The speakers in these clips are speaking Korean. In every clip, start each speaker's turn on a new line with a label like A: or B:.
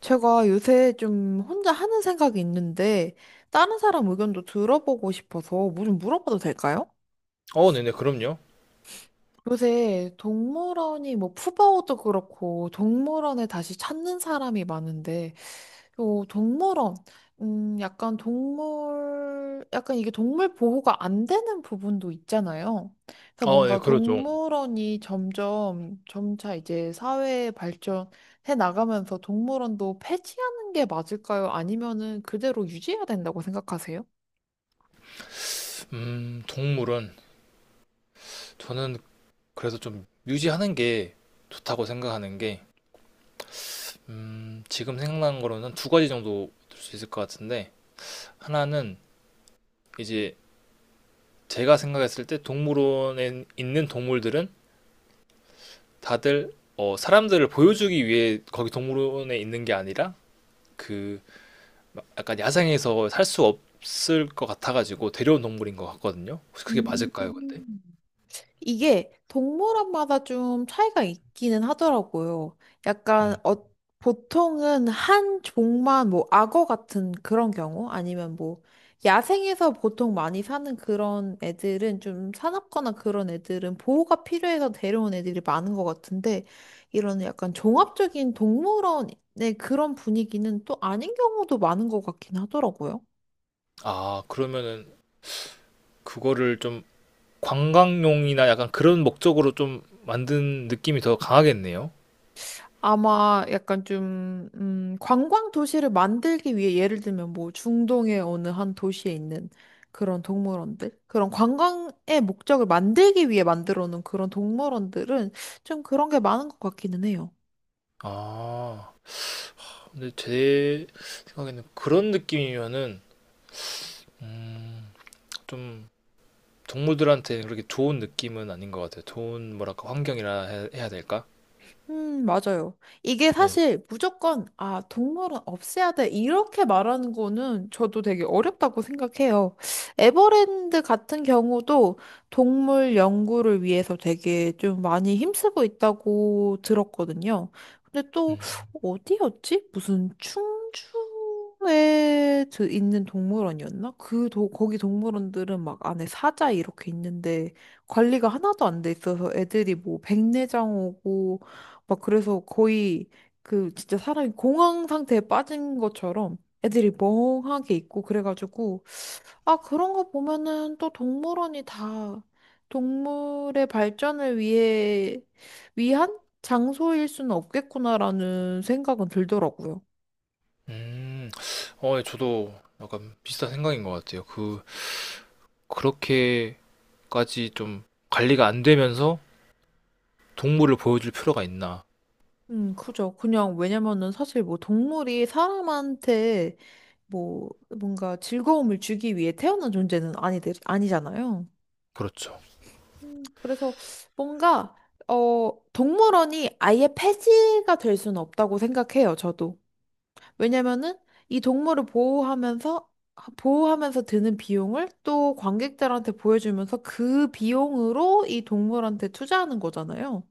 A: 제가 요새 좀 혼자 하는 생각이 있는데, 다른 사람 의견도 들어보고 싶어서 뭐 좀 물어봐도 될까요?
B: 어, 네네, 그럼요.
A: 요새 동물원이 뭐 푸바오도 그렇고, 동물원에 다시 찾는 사람이 많은데, 요 동물원, 약간 동물, 약간 이게 동물 보호가 안 되는 부분도 있잖아요. 그래서
B: 어, 네,
A: 뭔가
B: 그러죠.
A: 동물원이 점점, 점차 이제 사회 발전해 나가면서 동물원도 폐지하는 게 맞을까요? 아니면은 그대로 유지해야 된다고 생각하세요?
B: 동물은 저는 그래서 좀 유지하는 게 좋다고 생각하는 게, 지금 생각나는 거로는 두 가지 정도 들 수 있을 것 같은데, 하나는 이제 제가 생각했을 때 동물원에 있는 동물들은 다들 사람들을 보여주기 위해 거기 동물원에 있는 게 아니라 그막 약간 야생에서 살 수 없을 것 같아가지고 데려온 동물인 것 같거든요. 혹시 그게
A: 음.
B: 맞을까요, 근데?
A: 이게 동물원마다 좀 차이가 있기는 하더라고요. 약간
B: 음.
A: 보통은 한 종만 뭐 악어 같은 그런 경우 아니면 뭐 야생에서 보통 많이 사는 그런 애들은 좀 사납거나 그런 애들은 보호가 필요해서 데려온 애들이 많은 것 같은데, 이런 약간 종합적인 동물원의 그런 분위기는 또 아닌 경우도 많은 것 같긴 하더라고요.
B: 아, 그러면은 그거를 좀 관광용이나 약간 그런 목적으로 좀 만든 느낌이 더 강하겠네요.
A: 아마 약간 좀, 관광 도시를 만들기 위해 예를 들면 뭐 중동의 어느 한 도시에 있는 그런 동물원들? 그런 관광의 목적을 만들기 위해 만들어 놓은 그런 동물원들은 좀 그런 게 많은 것 같기는 해요.
B: 아, 근데 제 생각에는 그런 느낌이면은 음, 좀 동물들한테 그렇게 좋은 느낌은 아닌 것 같아요. 좋은 뭐랄까 환경이라 해야 될까?
A: 맞아요. 이게
B: 네.
A: 사실 무조건, 아, 동물은 없애야 돼. 이렇게 말하는 거는 저도 되게 어렵다고 생각해요. 에버랜드 같은 경우도 동물 연구를 위해서 되게 좀 많이 힘쓰고 있다고 들었거든요. 근데 또,
B: 음,
A: 어디였지? 무슨 충주에 있는 동물원이었나? 그, 도, 거기 동물원들은 막 안에 사자 이렇게 있는데 관리가 하나도 안 돼 있어서 애들이 뭐 백내장 오고 막 그래서 거의 그 진짜 사람이 공황 상태에 빠진 것처럼 애들이 멍하게 있고 그래가지고 아 그런 거 보면은 또 동물원이 다 동물의 발전을 위해 위한 장소일 수는 없겠구나라는 생각은 들더라고요.
B: 음, 예, 저도 약간 비슷한 생각인 것 같아요. 그 그렇게까지 좀 관리가 안 되면서 동물을 보여줄 필요가 있나?
A: 그죠. 그냥 왜냐면은 사실 뭐 동물이 사람한테 뭐 뭔가 즐거움을 주기 위해 태어난 존재는 아니, 아니잖아요.
B: 그렇죠.
A: 그래서 뭔가 동물원이 아예 폐지가 될 수는 없다고 생각해요, 저도. 왜냐면은 이 동물을 보호하면서 드는 비용을 또 관객들한테 보여주면서 그 비용으로 이 동물한테 투자하는 거잖아요.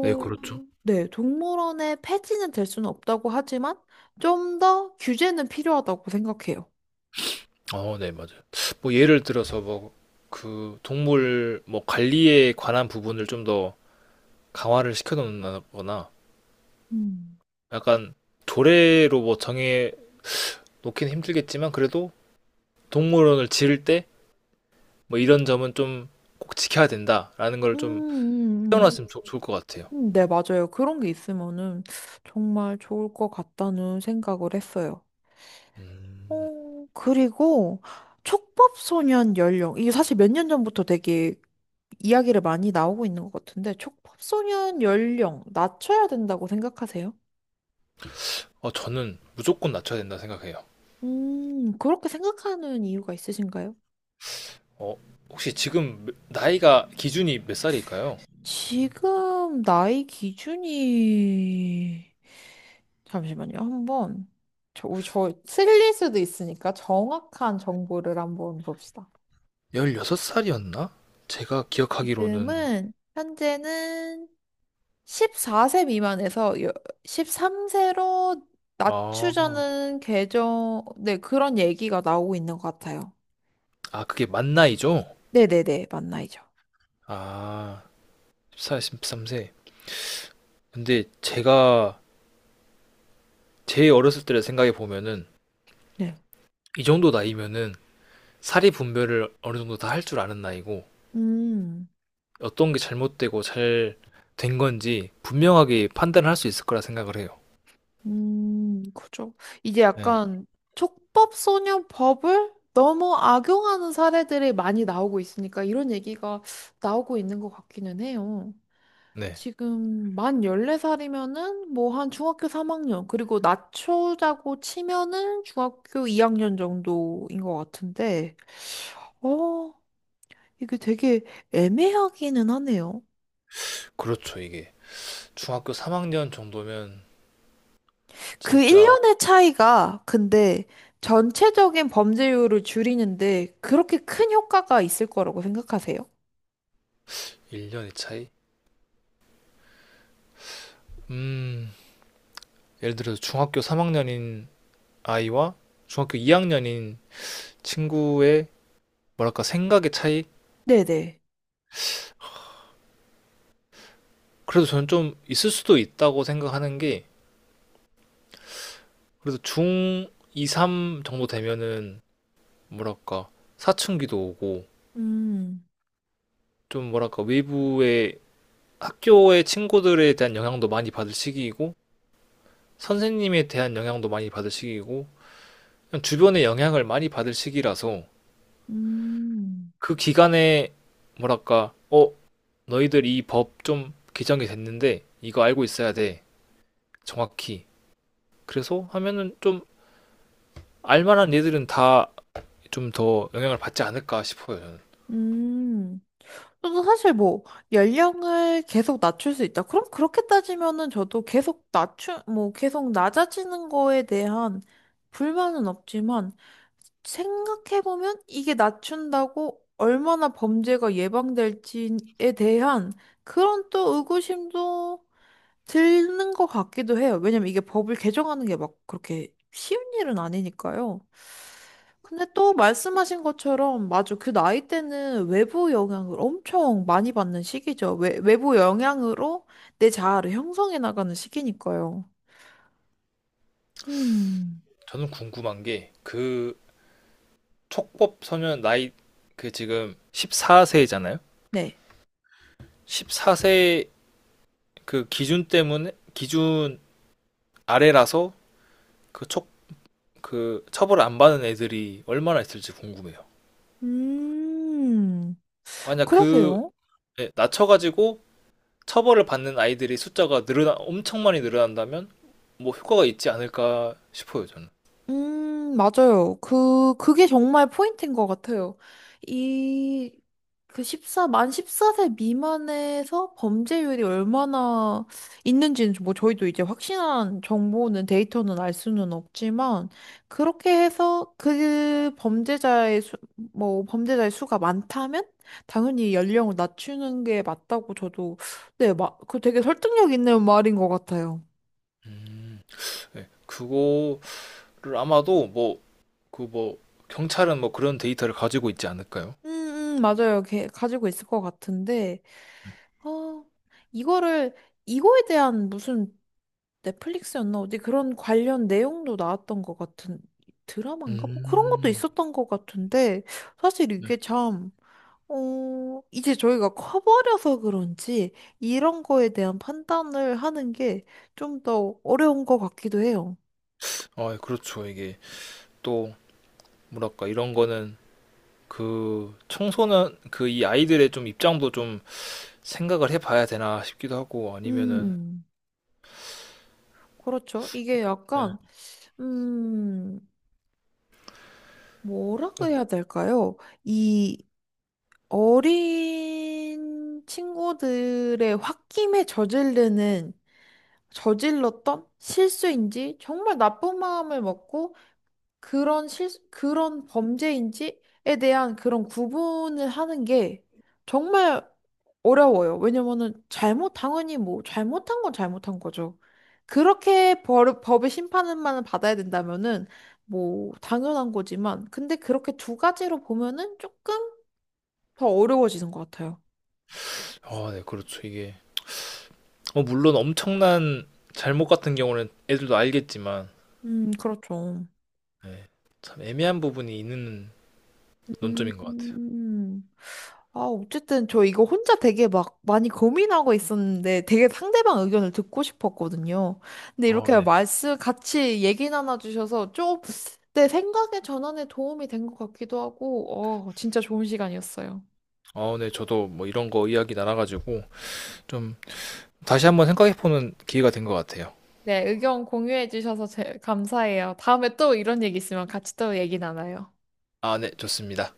B: 네, 그렇죠.
A: 네, 동물원의 폐지는 될 수는 없다고 하지만 좀 더 규제는 필요하다고 생각해요.
B: 어, 네, 맞아요. 뭐 예를 들어서 뭐 그 동물 뭐 관리에 관한 부분을 좀 더 강화를 시켜 놓는다거나
A: 음.
B: 약간 조례로 뭐 정해 놓기는 힘들겠지만 그래도 동물원을 지을 때 뭐 이런 점은 좀 꼭 지켜야 된다라는
A: 음,
B: 걸 좀
A: 음, 음.
B: 떼어놨으면 좋을 것 같아요.
A: 네, 맞아요. 그런 게 있으면은 정말 좋을 것 같다는 생각을 했어요.
B: 음.
A: 그리고 촉법소년 연령. 이게 사실 몇 년 전부터 되게 이야기를 많이 나오고 있는 것 같은데, 촉법소년 연령 낮춰야 된다고 생각하세요?
B: 저는 무조건 낮춰야 된다 생각해요.
A: 그렇게 생각하는 이유가 있으신가요?
B: 어, 혹시 지금 나이가 기준이 몇 살일까요?
A: 지금 나이 기준이 잠시만요. 한번 저, 우리 저 틀릴 수도 있으니까 정확한 정보를 한번 봅시다.
B: 열여섯 살이었나 제가 기억하기로는
A: 지금은 현재는 14세 미만에서 13세로
B: 아.
A: 낮추자는 개정, 네, 그런 얘기가 나오고 있는 것 같아요.
B: 아, 그게 만 나이죠?
A: 네네네, 만 나이죠.
B: 아, 14, 13세. 근데 제가 제 어렸을 때를 생각해 보면은
A: 네.
B: 이 정도 나이면은 사리 분별을 어느 정도 다 할 줄 아는 나이고
A: 음,
B: 어떤 게 잘못되고 잘 된 건지 분명하게 판단을 할 수 있을 거라 생각을 해요.
A: 그죠. 이제
B: 네.
A: 약간 촉법소년법을 너무 악용하는 사례들이 많이 나오고 있으니까 이런 얘기가 나오고 있는 것 같기는 해요.
B: 네.
A: 지금 만 14살이면은 뭐 한 중학교 3학년, 그리고 낮추자고 치면은 중학교 2학년 정도인 것 같은데, 어, 이게 되게 애매하기는 하네요.
B: 그렇죠, 이게. 중학교 3학년 정도면
A: 그
B: 진짜
A: 1년의 차이가 근데 전체적인 범죄율을 줄이는데 그렇게 큰 효과가 있을 거라고 생각하세요?
B: 1년의 차이? 음, 예를 들어서 중학교 3학년인 아이와 중학교 2학년인 친구의 뭐랄까 생각의 차이?
A: 네네.
B: 그래도 저는 좀 있을 수도 있다고 생각하는 게 그래도 중 2, 3 정도 되면은 뭐랄까 사춘기도 오고
A: 음,
B: 좀 뭐랄까 외부의 학교의 친구들에 대한 영향도 많이 받을 시기이고 선생님에 대한 영향도 많이 받을 시기이고 그냥 주변의 영향을 많이 받을 시기라서
A: 음,
B: 그 기간에 뭐랄까 너희들 이 법 좀 개정이 됐는데 이거 알고 있어야 돼 정확히 그래서 하면은 좀 알만한 얘들은 다 좀 더 영향을 받지 않을까 싶어요. 저는,
A: 음. 저도 사실 뭐 연령을 계속 낮출 수 있다. 그럼 그렇게 따지면은 저도 계속 낮추 뭐 계속 낮아지는 거에 대한 불만은 없지만 생각해보면 이게 낮춘다고 얼마나 범죄가 예방될지에 대한 그런 또 의구심도 드는 것 같기도 해요. 왜냐면 이게 법을 개정하는 게 막 그렇게 쉬운 일은 아니니까요. 근데 또 말씀하신 것처럼, 맞아. 그 나이 때는 외부 영향을 엄청 많이 받는 시기죠. 외부 영향으로 내 자아를 형성해 나가는 시기니까요. 음,
B: 저는 궁금한 게 그 촉법 소년 나이 그 지금 14세잖아요.
A: 네.
B: 14세 그 기준 때문에 기준 아래라서 그 촉 그 처벌 안 받는 애들이 얼마나 있을지 궁금해요.
A: 음,
B: 만약 그
A: 그러게요.
B: 예, 낮춰가지고 처벌을 받는 아이들이 숫자가 늘어나 엄청 많이 늘어난다면 뭐 효과가 있지 않을까 싶어요 저는.
A: 맞아요. 그게 정말 포인트인 것 같아요. 이, 그 십사 만 14세 미만에서 범죄율이 얼마나 있는지는 뭐 저희도 이제 확실한 정보는 데이터는 알 수는 없지만 그렇게 해서 뭐 범죄자의 수가 많다면 당연히 연령을 낮추는 게 맞다고 저도 네, 막 그 되게 설득력 있는 말인 것 같아요.
B: 음, 네. 그거 를 아마도 뭐 그 뭐 경찰은 뭐 그런 데이터를 가지고 있지 않을까요?
A: 맞아요. 걔 가지고 있을 것 같은데, 어, 이거를, 이거에 대한 무슨 넷플릭스였나? 어디 그런 관련 내용도 나왔던 것 같은 드라마인가? 뭐 그런 것도
B: 음,
A: 있었던 것 같은데, 사실
B: 네.
A: 이게 참, 이제 저희가 커버려서 그런지 이런 거에 대한 판단을 하는 게 좀 더 어려운 것 같기도 해요.
B: 아, 그렇죠. 이게 또 뭐랄까 이런 거는 그 청소년 그 이 아이들의 좀 입장도 좀 생각을 해봐야 되나 싶기도 하고 아니면은
A: 음, 그렇죠. 이게
B: 네.
A: 약간, 음, 뭐라고 해야 될까요? 이 어린 친구들의 저질렀던 실수인지 정말 나쁜 마음을 먹고 그런 범죄인지에 대한 그런 구분을 하는 게 정말 어려워요. 왜냐면은 잘못, 당연히 뭐, 잘못한 건 잘못한 거죠. 법의 심판만 받아야 된다면은 뭐, 당연한 거지만, 근데 그렇게 두 가지로 보면은 조금 더 어려워지는 것 같아요.
B: 아, 네, 그렇죠. 이게 물론 엄청난 잘못 같은 경우는 애들도 알겠지만
A: 그렇죠.
B: 네. 참 애매한 부분이 있는
A: 음.
B: 논점인 것 같아요.
A: 음. 아, 어쨌든 저 이거 혼자 되게 막 많이 고민하고 있었는데 되게 상대방 의견을 듣고 싶었거든요. 근데
B: 아,
A: 이렇게
B: 네.
A: 말씀 같이 얘기 나눠주셔서 좀 내 생각의 전환에 도움이 된 것 같기도 하고, 진짜 좋은 시간이었어요.
B: 아, 네, 저도 뭐 이런 거 이야기 나눠가지고 좀 다시 한번 생각해보는 기회가 된 것 같아요.
A: 네, 의견 공유해 주셔서 감사해요. 다음에 또 이런 얘기 있으면 같이 또 얘기 나눠요.
B: 아, 네, 좋습니다.